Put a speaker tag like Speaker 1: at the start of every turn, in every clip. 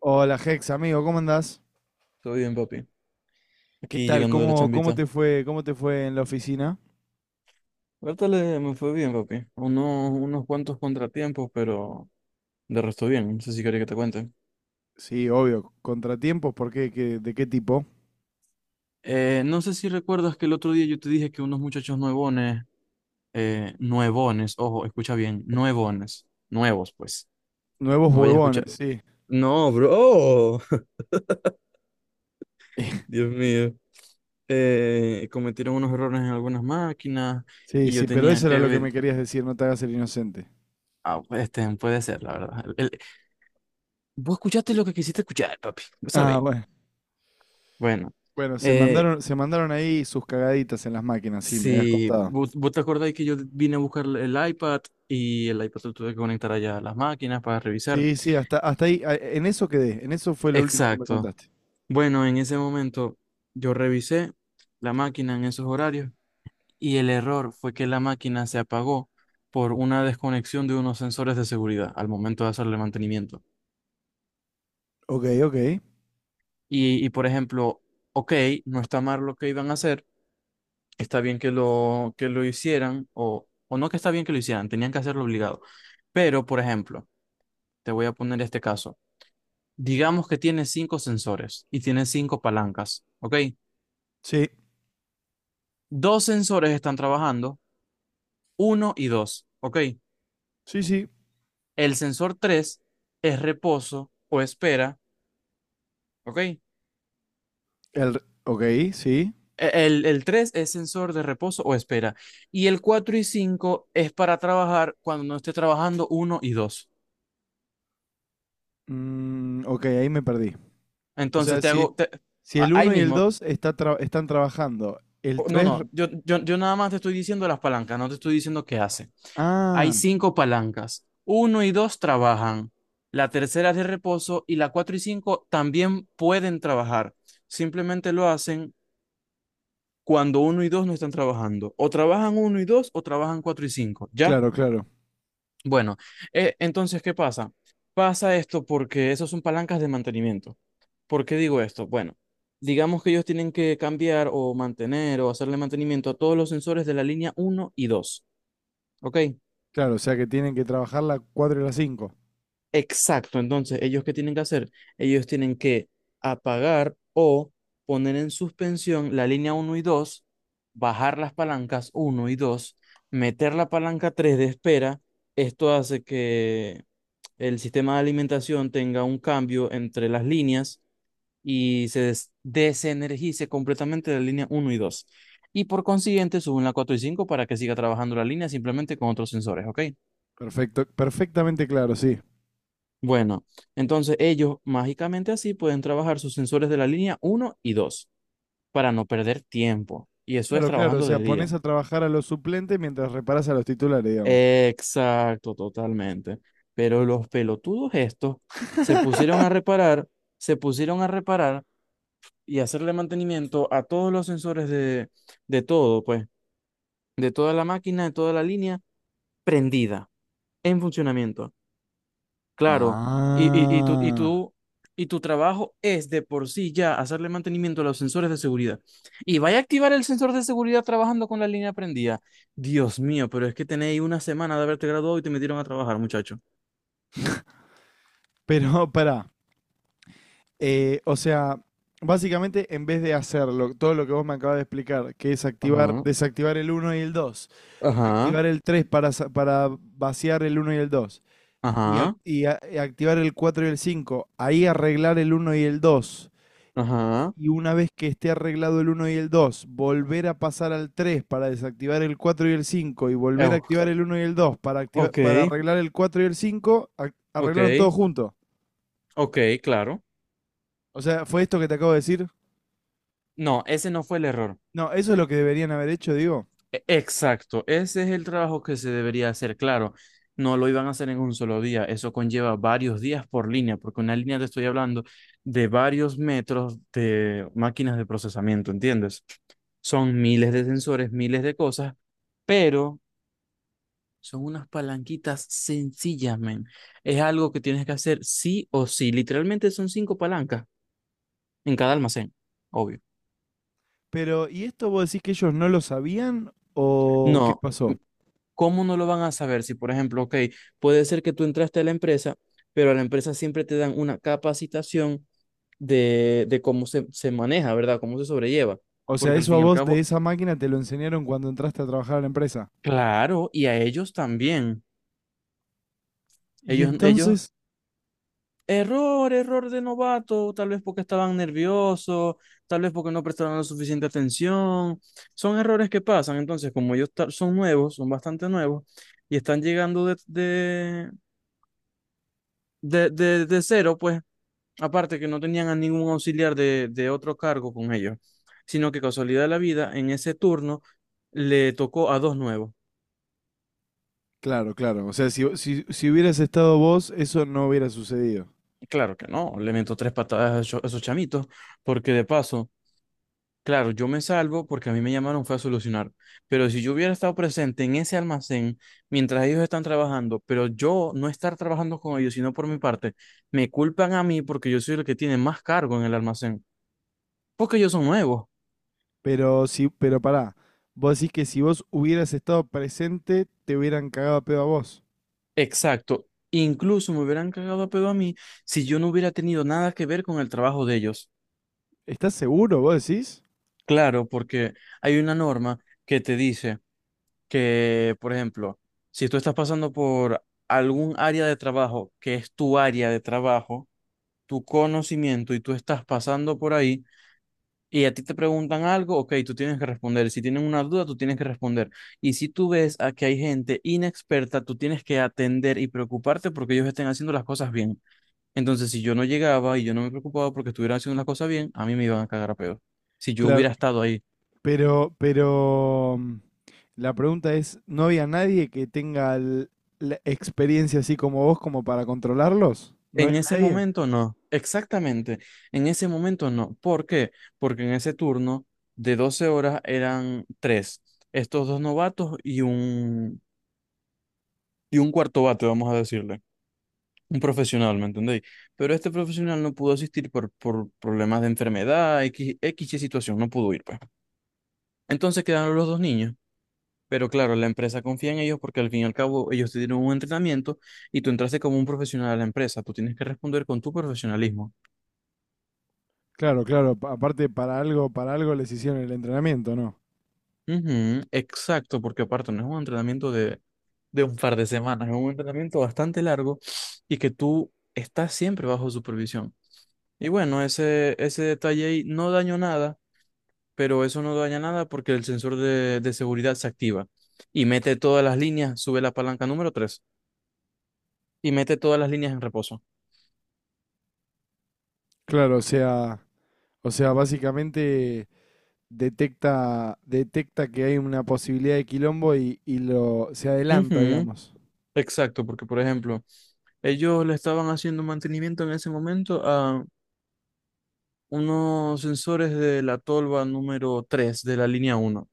Speaker 1: Hola Hex, amigo, ¿cómo andás?
Speaker 2: Todo bien, papi.
Speaker 1: ¿Qué
Speaker 2: Aquí
Speaker 1: tal?
Speaker 2: llegando de la
Speaker 1: ¿Cómo
Speaker 2: chambita.
Speaker 1: te fue, ¿cómo te fue en la oficina?
Speaker 2: Ahorita me fue bien, papi. Unos cuantos contratiempos, pero de resto bien. No sé si quería que te cuente.
Speaker 1: Sí, obvio, contratiempos, ¿por qué? ¿Qué- ¿De qué tipo?
Speaker 2: No sé si recuerdas que el otro día yo te dije que unos muchachos nuevones, nuevones, ojo, escucha bien, nuevones, nuevos, pues.
Speaker 1: Nuevos
Speaker 2: No vayas a
Speaker 1: huevones,
Speaker 2: escuchar.
Speaker 1: sí.
Speaker 2: No, bro. Dios mío. Cometieron unos errores en algunas máquinas
Speaker 1: Sí,
Speaker 2: y yo
Speaker 1: sí, pero
Speaker 2: tenía
Speaker 1: eso era
Speaker 2: que
Speaker 1: lo que
Speaker 2: ver.
Speaker 1: me querías decir, no te hagas el inocente.
Speaker 2: Ah, pues, este, puede ser, la verdad. Vos escuchaste lo que quisiste escuchar, papi. Vos
Speaker 1: Ah,
Speaker 2: sabéis.
Speaker 1: bueno.
Speaker 2: Bueno,
Speaker 1: Bueno,
Speaker 2: eh,
Speaker 1: se mandaron ahí sus cagaditas en las máquinas, sí, me habías
Speaker 2: si
Speaker 1: contado.
Speaker 2: vos, vos te acordáis que yo vine a buscar el iPad y el iPad lo tuve que conectar allá a las máquinas para revisar.
Speaker 1: Sí, sí, hasta ahí, a- en eso quedé, en eso fue lo último que me
Speaker 2: Exacto.
Speaker 1: contaste.
Speaker 2: Bueno, en ese momento yo revisé la máquina en esos horarios y el error fue que la máquina se apagó por una desconexión de unos sensores de seguridad al momento de hacerle mantenimiento.
Speaker 1: Ok, ok.
Speaker 2: Y por ejemplo, ok, no está mal lo que iban a hacer, está bien que lo hicieran, o no que está bien que lo hicieran, tenían que hacerlo obligado. Pero, por ejemplo, te voy a poner este caso. Digamos que tiene cinco sensores y tiene cinco palancas, ¿ok?
Speaker 1: Sí,
Speaker 2: Dos sensores están trabajando, uno y dos, ¿ok?
Speaker 1: sí, sí.
Speaker 2: El sensor 3 es reposo o espera, ¿ok?
Speaker 1: El, re- ok, sí.
Speaker 2: El 3 es sensor de reposo o espera. Y el 4 y 5 es para trabajar cuando no esté trabajando uno y dos.
Speaker 1: Mm, ok, ahí me perdí. O
Speaker 2: Entonces
Speaker 1: sea, si, si el
Speaker 2: ahí
Speaker 1: uno y el
Speaker 2: mismo,
Speaker 1: 2 está tra- están trabajando, el
Speaker 2: no,
Speaker 1: 3,
Speaker 2: no, yo nada más te estoy diciendo las palancas, no te estoy diciendo qué hace. Hay
Speaker 1: ah,
Speaker 2: cinco palancas, uno y dos trabajan, la tercera es de reposo y la cuatro y cinco también pueden trabajar. Simplemente lo hacen cuando uno y dos no están trabajando. O trabajan uno y dos o trabajan cuatro y cinco, ¿ya?
Speaker 1: claro, claro,
Speaker 2: Bueno, entonces, ¿qué pasa? Pasa esto porque esos son palancas de mantenimiento. ¿Por qué digo esto? Bueno, digamos que ellos tienen que cambiar o mantener o hacerle mantenimiento a todos los sensores de la línea uno y dos, ¿ok?
Speaker 1: claro. O sea que tienen que trabajar la 4 y la cinco.
Speaker 2: Exacto, entonces, ¿ellos qué tienen que hacer? Ellos tienen que apagar o poner en suspensión la línea uno y 2, bajar las palancas uno y 2, meter la palanca 3 de espera. Esto hace que el sistema de alimentación tenga un cambio entre las líneas y desenergice completamente la línea uno y dos. Y por consiguiente, suben la 4 y 5 para que siga trabajando la línea simplemente con otros sensores, ¿ok?
Speaker 1: Perfecto, perfectamente claro, sí.
Speaker 2: Bueno, entonces ellos mágicamente así pueden trabajar sus sensores de la línea uno y 2 para no perder tiempo. Y eso es
Speaker 1: Claro, claro. O
Speaker 2: trabajando
Speaker 1: sea,
Speaker 2: de día.
Speaker 1: pones a trabajar a los suplentes mientras reparas a los titulares, digamos.
Speaker 2: Exacto, totalmente. Pero los pelotudos estos se pusieron a reparar, se pusieron a reparar y hacerle mantenimiento a todos los sensores de todo, pues. De toda la máquina, de toda la línea, prendida, en funcionamiento. Claro, y, y, y, tu, y,
Speaker 1: Ah.
Speaker 2: tu, y tu trabajo es de por sí ya hacerle mantenimiento a los sensores de seguridad. Y vaya a activar el sensor de seguridad trabajando con la línea prendida. Dios mío, pero es que tenéis una semana de haberte graduado y te metieron a trabajar, muchacho.
Speaker 1: Pero pará, o sea, básicamente en vez de hacerlo, todo lo que vos me acabas de explicar, que es activar,
Speaker 2: Ajá,
Speaker 1: desactivar el uno y el 2,
Speaker 2: ajá,
Speaker 1: activar el 3 para, sa- para vaciar el uno y el dos, y, ac-
Speaker 2: ajá,
Speaker 1: y a- y activar el 4 y el 5 ahí arreglar el uno y el dos,
Speaker 2: ajá.
Speaker 1: y una vez que esté arreglado el uno y el 2 volver a pasar al 3 para desactivar el 4 y el 5 y
Speaker 2: Eh,
Speaker 1: volver a activar el uno y el 2 para, activar,
Speaker 2: ok,
Speaker 1: para arreglar el 4 y el 5 a-
Speaker 2: ok,
Speaker 1: arreglaron todo junto.
Speaker 2: ok, claro.
Speaker 1: O sea, ¿fue esto que te acabo de decir?
Speaker 2: No, ese no fue el error.
Speaker 1: No, eso es lo que deberían haber hecho, digo.
Speaker 2: Exacto, ese es el trabajo que se debería hacer, claro. No lo iban a hacer en un solo día, eso conlleva varios días por línea, porque una línea te estoy hablando de varios metros de máquinas de procesamiento, ¿entiendes? Son miles de sensores, miles de cosas, pero son unas palanquitas sencillas, men. Es algo que tienes que hacer sí o sí. Literalmente son cinco palancas en cada almacén, obvio.
Speaker 1: Pero, ¿y esto vos decís que ellos no lo sabían o qué
Speaker 2: No,
Speaker 1: pasó?
Speaker 2: ¿cómo no lo van a saber? Si, por ejemplo, ok, puede ser que tú entraste a la empresa, pero a la empresa siempre te dan una capacitación de cómo se maneja, ¿verdad? Cómo se sobrelleva.
Speaker 1: O sea,
Speaker 2: Porque al
Speaker 1: eso a
Speaker 2: fin y al
Speaker 1: vos de
Speaker 2: cabo,
Speaker 1: esa máquina te lo enseñaron cuando entraste a trabajar a la empresa.
Speaker 2: claro, y a ellos también.
Speaker 1: Y
Speaker 2: Ellos, ellos,
Speaker 1: entonces...
Speaker 2: error de novato, tal vez porque estaban nerviosos, tal vez porque no prestaron la suficiente atención. Son errores que pasan. Entonces, como ellos son nuevos, son bastante nuevos, y están llegando de cero, pues. Aparte que no tenían a ningún auxiliar de otro cargo con ellos, sino que casualidad de la vida, en ese turno le tocó a dos nuevos.
Speaker 1: Claro, claro. O sea, si, si, si hubieras estado vos, eso no hubiera sucedido.
Speaker 2: Y claro que no, le meto tres patadas a esos chamitos, porque de paso, claro, yo me salvo porque a mí me llamaron fue a solucionar, pero si yo hubiera estado presente en ese almacén mientras ellos están trabajando, pero yo no estar trabajando con ellos, sino por mi parte, me culpan a mí porque yo soy el que tiene más cargo en el almacén, porque ellos son nuevos.
Speaker 1: Pero si, pero pará, vos decís que si vos hubieras estado presente, te hubieran cagado a pedo a vos.
Speaker 2: Exacto. Incluso me hubieran cagado a pedo a mí si yo no hubiera tenido nada que ver con el trabajo de ellos.
Speaker 1: ¿Estás seguro, vos decís?
Speaker 2: Claro, porque hay una norma que te dice que, por ejemplo, si tú estás pasando por algún área de trabajo que es tu área de trabajo, tu conocimiento y tú estás pasando por ahí y a ti te preguntan algo, ok, tú tienes que responder. Si tienen una duda, tú tienes que responder. Y si tú ves a que hay gente inexperta, tú tienes que atender y preocuparte porque ellos estén haciendo las cosas bien. Entonces, si yo no llegaba y yo no me preocupaba porque estuviera haciendo las cosas bien, a mí me iban a cagar a peor. Si yo
Speaker 1: Claro,
Speaker 2: hubiera estado ahí.
Speaker 1: pero la pregunta es, ¿no había nadie que tenga l- la experiencia así como vos como para controlarlos? ¿No
Speaker 2: En
Speaker 1: había
Speaker 2: ese
Speaker 1: nadie?
Speaker 2: momento no, exactamente. En ese momento no. ¿Por qué? Porque en ese turno de 12 horas eran tres. Estos dos novatos y y un cuarto bate, vamos a decirle. Un profesional, ¿me entendéis? Pero este profesional no pudo asistir por problemas de enfermedad, X, X y situación, no pudo ir, pues. Entonces quedaron los dos niños. Pero claro, la empresa confía en ellos porque al fin y al cabo ellos te dieron un entrenamiento y tú entraste como un profesional a la empresa. Tú tienes que responder con tu profesionalismo.
Speaker 1: Claro, claro, pa- aparte para algo les hicieron el entrenamiento, ¿no?
Speaker 2: Ujú, exacto, porque aparte no es un entrenamiento de un par de semanas, es un entrenamiento bastante largo y que tú estás siempre bajo supervisión. Y bueno, ese detalle ahí no dañó nada, pero eso no daña nada porque el sensor de seguridad se activa y mete todas las líneas, sube la palanca número 3 y mete todas las líneas en reposo.
Speaker 1: Claro, o sea, básicamente detecta, detecta que hay una posibilidad de quilombo y lo se adelanta,
Speaker 2: Ujú,
Speaker 1: digamos.
Speaker 2: exacto, porque por ejemplo, ellos le estaban haciendo mantenimiento en ese momento a unos sensores de la tolva número 3 de la línea uno.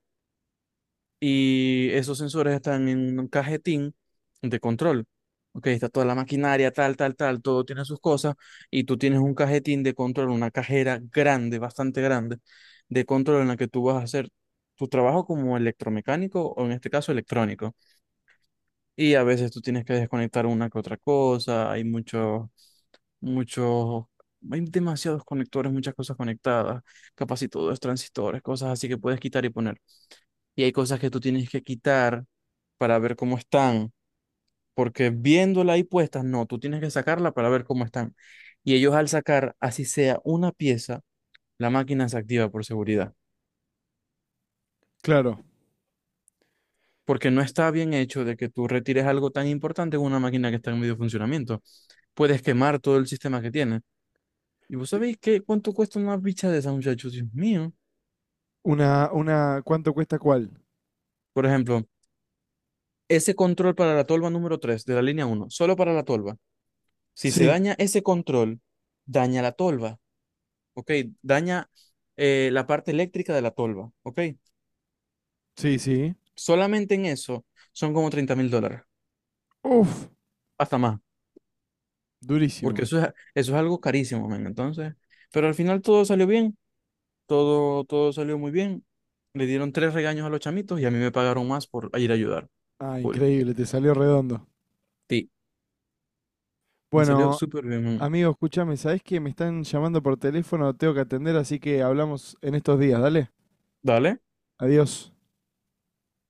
Speaker 2: Y esos sensores están en un cajetín de control. Ok, está toda la maquinaria, tal, tal, tal, todo tiene sus cosas. Y tú tienes un cajetín de control, una cajera grande, bastante grande, de control en la que tú vas a hacer tu trabajo como electromecánico o en este caso electrónico. Y a veces tú tienes que desconectar una que otra cosa, hay muchos, muchos, hay demasiados conectores, muchas cosas conectadas, capaz y todo es transistores, cosas así que puedes quitar y poner. Y hay cosas que tú tienes que quitar para ver cómo están, porque viéndola ahí puestas, no, tú tienes que sacarla para ver cómo están. Y ellos al sacar, así sea una pieza, la máquina se activa por seguridad,
Speaker 1: Claro.
Speaker 2: porque no está bien hecho de que tú retires algo tan importante en una máquina que está en medio funcionamiento. Puedes quemar todo el sistema que tienes. ¿Y vos sabéis qué, cuánto cuesta una bicha de esa, muchachos? Dios mío.
Speaker 1: Una, ¿cuánto cuesta cuál?
Speaker 2: Por ejemplo, ese control para la tolva número 3 de la línea uno, solo para la tolva. Si se
Speaker 1: Sí,
Speaker 2: daña ese control, daña la tolva, ¿ok? Daña la parte eléctrica de la tolva, ¿ok?
Speaker 1: sí, sí.
Speaker 2: Solamente en eso son como $30.000,
Speaker 1: Uf,
Speaker 2: hasta más,
Speaker 1: durísimo.
Speaker 2: porque eso es algo carísimo, man. Entonces, pero al final todo salió bien, todo, todo salió muy bien. Le dieron tres regaños a los chamitos y a mí me pagaron más por ir a ayudar.
Speaker 1: Ah,
Speaker 2: Cool.
Speaker 1: increíble, te salió redondo.
Speaker 2: Sí. Me salió
Speaker 1: Bueno,
Speaker 2: súper bien. ¿Eh?
Speaker 1: amigo, escúchame, ¿sabés que me están llamando por teléfono? Tengo que atender, así que hablamos en estos días, dale.
Speaker 2: Dale.
Speaker 1: Adiós.